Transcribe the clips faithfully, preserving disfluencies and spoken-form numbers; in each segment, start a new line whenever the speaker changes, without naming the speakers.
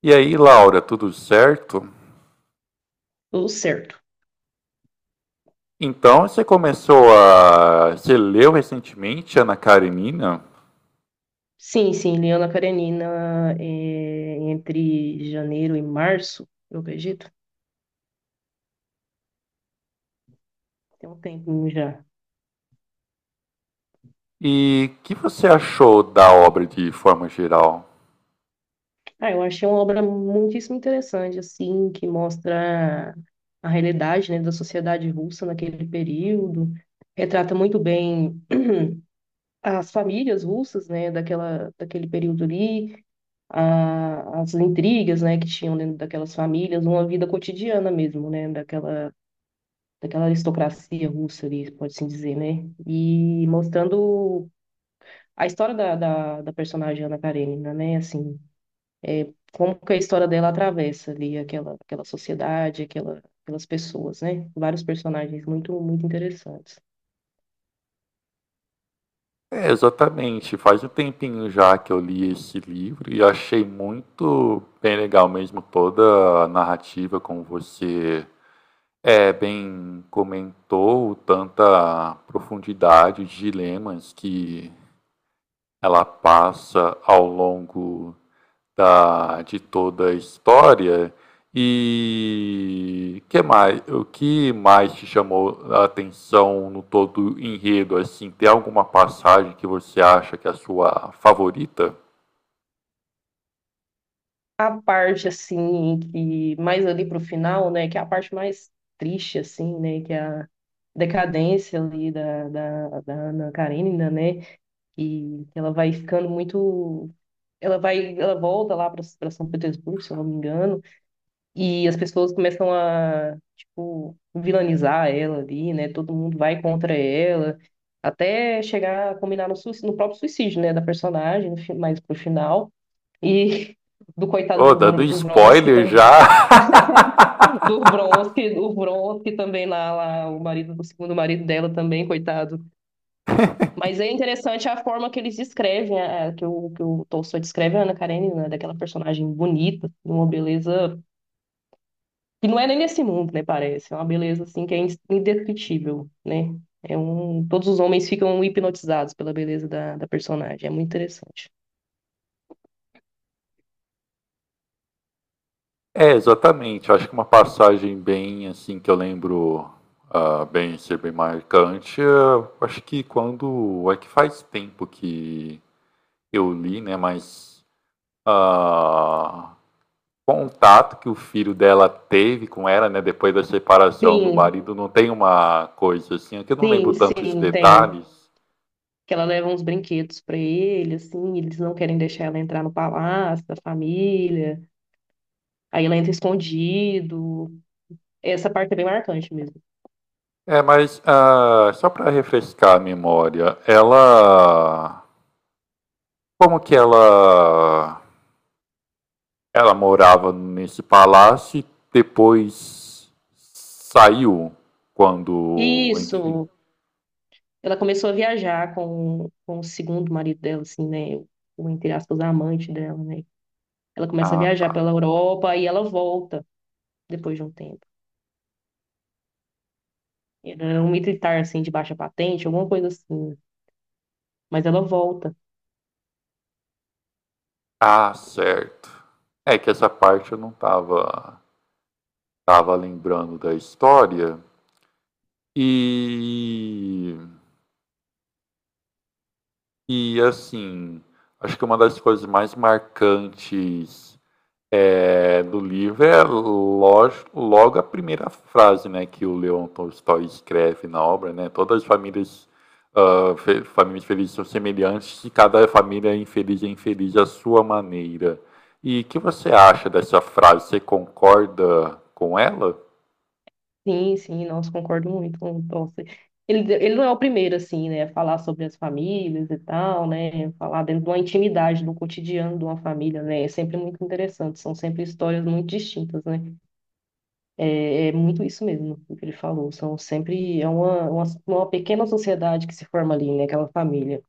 E aí, Laura, tudo certo?
Tudo certo.
Então, você começou a. Você leu recentemente Ana Karenina?
Sim, sim, Liana Karenina, é, entre janeiro e março, eu acredito, tem um tempinho já.
E o que você achou da obra de forma geral?
Ah, eu achei uma obra muitíssimo interessante, assim, que mostra a realidade, né, da sociedade russa naquele período, retrata muito bem as famílias russas, né, daquela, daquele período ali, a- as intrigas, né, que tinham dentro daquelas famílias, uma vida cotidiana mesmo, né, daquela daquela aristocracia russa ali, pode-se dizer, né? E mostrando a história da, da, da personagem Ana Karenina, né? Assim, como que a história dela atravessa ali aquela, aquela sociedade, aquela, aquelas pessoas, né? Vários personagens muito, muito interessantes.
É, exatamente. Faz um tempinho já que eu li esse livro e achei muito bem legal mesmo toda a narrativa, como você é, bem comentou, tanta profundidade de dilemas que ela passa ao longo da, de toda a história. E que mais, o que mais te chamou a atenção no todo enredo? Assim, tem alguma passagem que você acha que é a sua favorita?
A parte, assim, que mais ali pro final, né? Que é a parte mais triste, assim, né? Que é a decadência ali da, da, da Ana Karenina, né? E ela vai ficando muito. Ela vai, ela volta lá para São Petersburgo, se eu não me engano, e as pessoas começam a, tipo, vilanizar ela ali, né? Todo mundo vai contra ela, até chegar a combinar no suicídio, no próprio suicídio, né, da personagem, no fi- mais pro final. E do coitado
Oh,
do
dando
Bron- do Vronsky,
spoiler já!
tam- do Vronsky, o Vronsky também lá, lá, o marido, o segundo marido dela também, coitado. Mas é interessante a forma que eles descrevem, é, é, que o, que o Tolstói descreve a Ana Karenina, né, daquela personagem bonita, de uma beleza que não é nem desse mundo, né, parece. É uma beleza, assim, que é indescritível, né? É um, todos os homens ficam hipnotizados pela beleza da, da personagem. É muito interessante.
É, exatamente. Acho que uma passagem bem, assim, que eu lembro ah, bem ser bem marcante. Eu acho que quando. É que faz tempo que eu li, né? Mas. ah, Contato que o filho dela teve com ela, né, depois da separação do
Sim,
marido, não tem uma coisa assim, é que eu não lembro
sim,
tantos
sim, tem.
detalhes.
Que ela leva uns brinquedos pra ele, assim, e eles não querem deixar ela entrar no palácio da família. Aí ela entra escondido. Essa parte é bem marcante mesmo.
É, mas ah, só para refrescar a memória, ela como que ela ela morava nesse palácio e depois saiu quando, enfim.
Isso. Ela começou a viajar com, com o segundo marido dela, assim, né? O, o, entre aspas, amante dela, né? Ela começa a
Ah, tá.
viajar pela Europa e ela volta depois de um tempo. Era um militar, assim, de baixa patente, alguma coisa assim, né. Mas ela volta.
Ah, certo. É que essa parte eu não tava tava lembrando da história. E e assim, acho que uma das coisas mais marcantes eh, do livro é lógico, logo a primeira frase, né, que o Leon Tolstói escreve na obra, né? Todas as famílias, ah, fe- famílias felizes são semelhantes e cada família é infeliz é infeliz à sua maneira. E o que você acha dessa frase? Você concorda com ela?
Sim, sim, nossa, concordo muito com, nossa. Ele, ele não é o primeiro, assim, né? A falar sobre as famílias e tal, né? Falar dentro de uma intimidade, do cotidiano de uma família, né? É sempre muito interessante. São sempre histórias muito distintas, né? É é muito isso mesmo, o que ele falou. São sempre é uma, uma, uma pequena sociedade que se forma ali, né? Aquela família.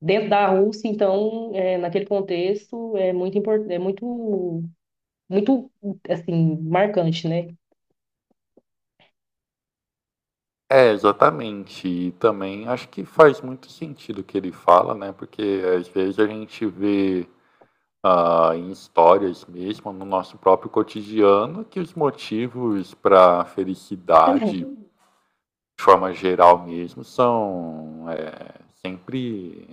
Dentro da Rússia, então, é, naquele contexto, é muito importante, é muito, muito, assim, marcante, né?
É, exatamente. E também acho que faz muito sentido o que ele fala, né? Porque às vezes a gente vê ah, em histórias mesmo, no nosso próprio cotidiano, que os motivos para felicidade, de forma geral mesmo, são é, sempre.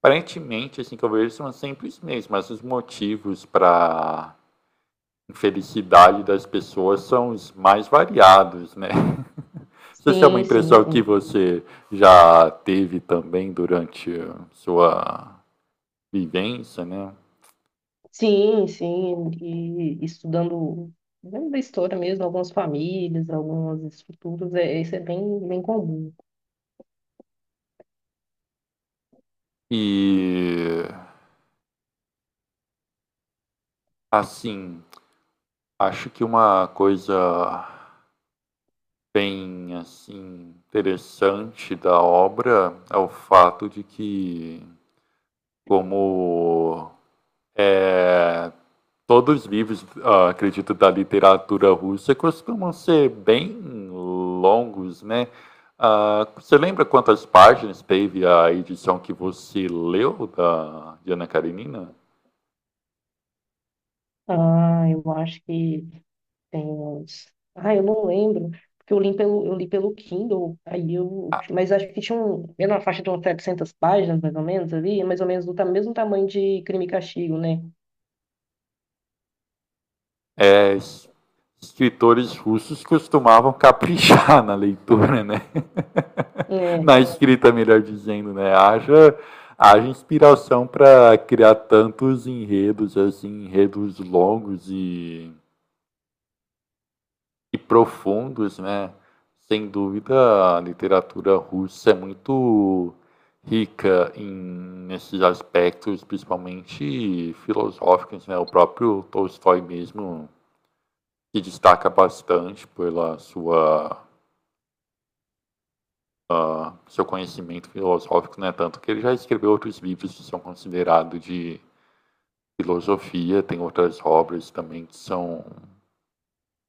Aparentemente, assim que eu vejo, são sempre os mesmos, mas os motivos para infelicidade das pessoas são os mais variados, né? Se essa é uma
Sim, sim,
impressão que
sim.
você já teve também durante sua vivência, né?
Sim, sim. E estudando, dentro da história mesmo, algumas famílias, algumas estruturas, é, isso é bem, bem comum.
E assim, acho que uma coisa bem assim interessante da obra é o fato de que como é todos os livros, ah, acredito, da literatura russa costumam ser bem longos, né? Ah, você lembra quantas páginas teve a edição que você leu da de Ana Karenina?
Ah, eu acho que tem uns. Ah, eu não lembro, porque eu li pelo, eu li pelo Kindle, aí eu.
Ah,
Mas acho que tinha um, era na faixa de umas setecentas páginas, mais ou menos, ali, mais ou menos do ta- mesmo tamanho de Crime e Castigo, né?
É, es- escritores russos costumavam caprichar na leitura, né?
É,
Na escrita, melhor dizendo, né? Haja, haja inspiração para criar tantos enredos, assim, enredos longos e E profundos, né. Sem dúvida, a literatura russa é muito rica em nesses aspectos, principalmente filosóficos, né. O próprio Tolstói mesmo se destaca bastante pela sua hã, seu conhecimento filosófico, né, tanto que ele já escreveu outros livros que são considerados de filosofia, tem outras obras também que são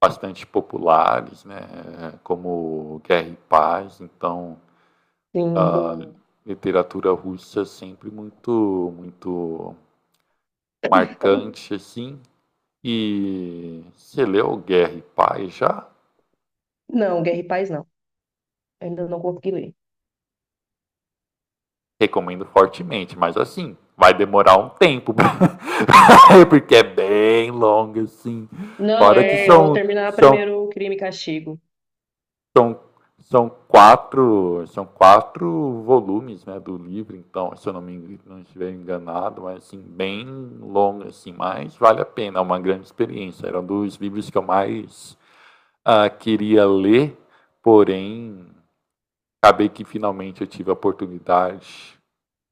bastante populares, né, como Guerra e Paz, então
sim.
a literatura russa é sempre muito, muito marcante, assim. E você leu Guerra e Paz já?
Não, Guerra e Paz não. Ainda não consegui ler.
Recomendo fortemente, mas assim, vai demorar um tempo, porque é bem longa, assim.
Não,
Fora que
é, eu vou
são,
terminar
são
primeiro o Crime e Castigo.
são, são, quatro, são quatro volumes, né, do livro, então, se eu não me não estiver enganado, mas assim, bem longo, assim, mas vale a pena, é uma grande experiência. Era um dos livros que eu mais ah, queria ler, porém, acabei que finalmente eu tive a oportunidade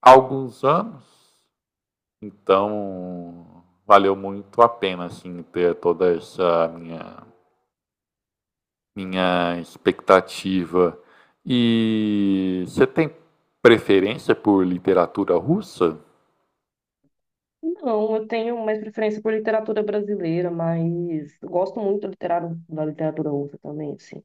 há alguns anos, então valeu muito a pena assim ter toda essa minha minha expectativa. E você tem preferência por literatura russa?
Não, eu tenho mais preferência por literatura brasileira, mas eu gosto muito da literatura, da literatura russa também, assim.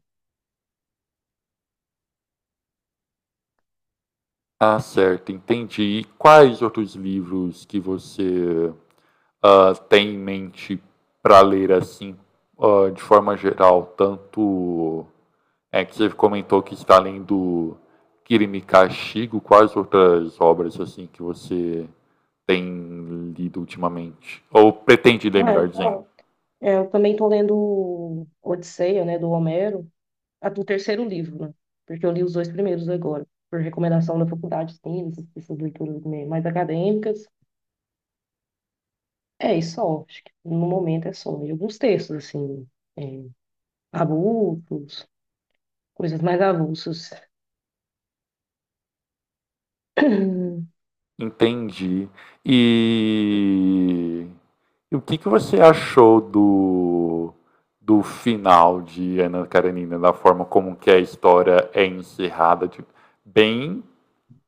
Ah, certo, entendi. E quais outros livros que você ah, tem em mente para ler assim, ah, de forma geral? Tanto é que você comentou que está lendo Kirimi Kashigo, quais outras obras assim que você tem lido ultimamente? Ou pretende ler,
É,
melhor dizendo?
é, eu também estou lendo Odisseia, né, do Homero. A do terceiro livro, né? Porque eu li os dois primeiros agora, por recomendação da faculdade, sim, essas leituras, né, mais acadêmicas. É isso só, acho que no momento é só. E alguns textos, assim, é, avulsos, coisas mais avulsas.
Entendi. E e o que que você achou do do final de Ana Karenina, da forma como que a história é encerrada, tipo, bem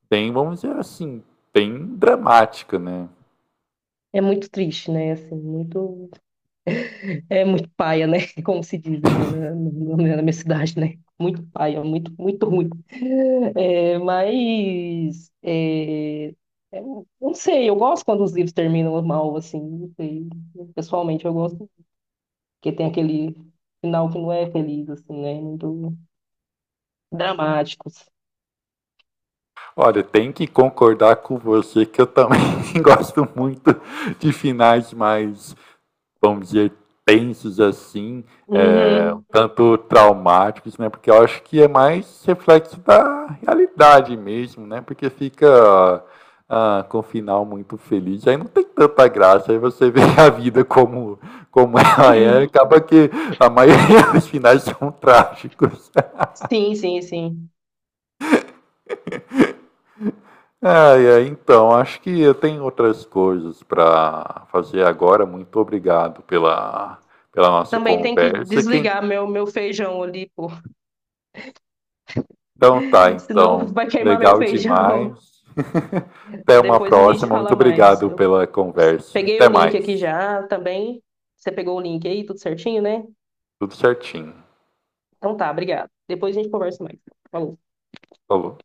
bem, vamos dizer assim, bem dramática, né.
É muito triste, né? Assim, muito... É muito paia, né? Como se diz aqui na, na, na minha cidade, né? Muito paia, muito, muito ruim. É, mas é, é, eu não sei, eu gosto quando os livros terminam mal, assim, não sei. Pessoalmente eu gosto, porque tem aquele final que não é feliz, assim, né? Muito dramáticos.
Olha, tem que concordar com você que eu também gosto muito de finais mais, vamos dizer, tensos assim, é, um
Uhum.
tanto traumáticos, né? Porque eu acho que é mais reflexo da realidade mesmo, né? Porque fica ah, com o final muito feliz, aí não tem tanta graça, aí você vê a vida como, como ela é, acaba que a maioria dos finais são trágicos.
Sim, sim, sim.
É, é, então, acho que eu tenho outras coisas para fazer agora. Muito obrigado pela, pela nossa
Também tem que
conversa. Quem,
desligar meu, meu feijão ali, pô.
então tá,
Senão
então.
vai queimar meu
Legal
feijão.
demais. Até uma
Depois a gente
próxima. Muito
fala mais.
obrigado
Eu
pela conversa.
peguei o
Até
link aqui
mais.
já também. Você pegou o link aí, tudo certinho, né?
Tudo certinho.
Então tá, obrigado. Depois a gente conversa mais. Falou.
Falou.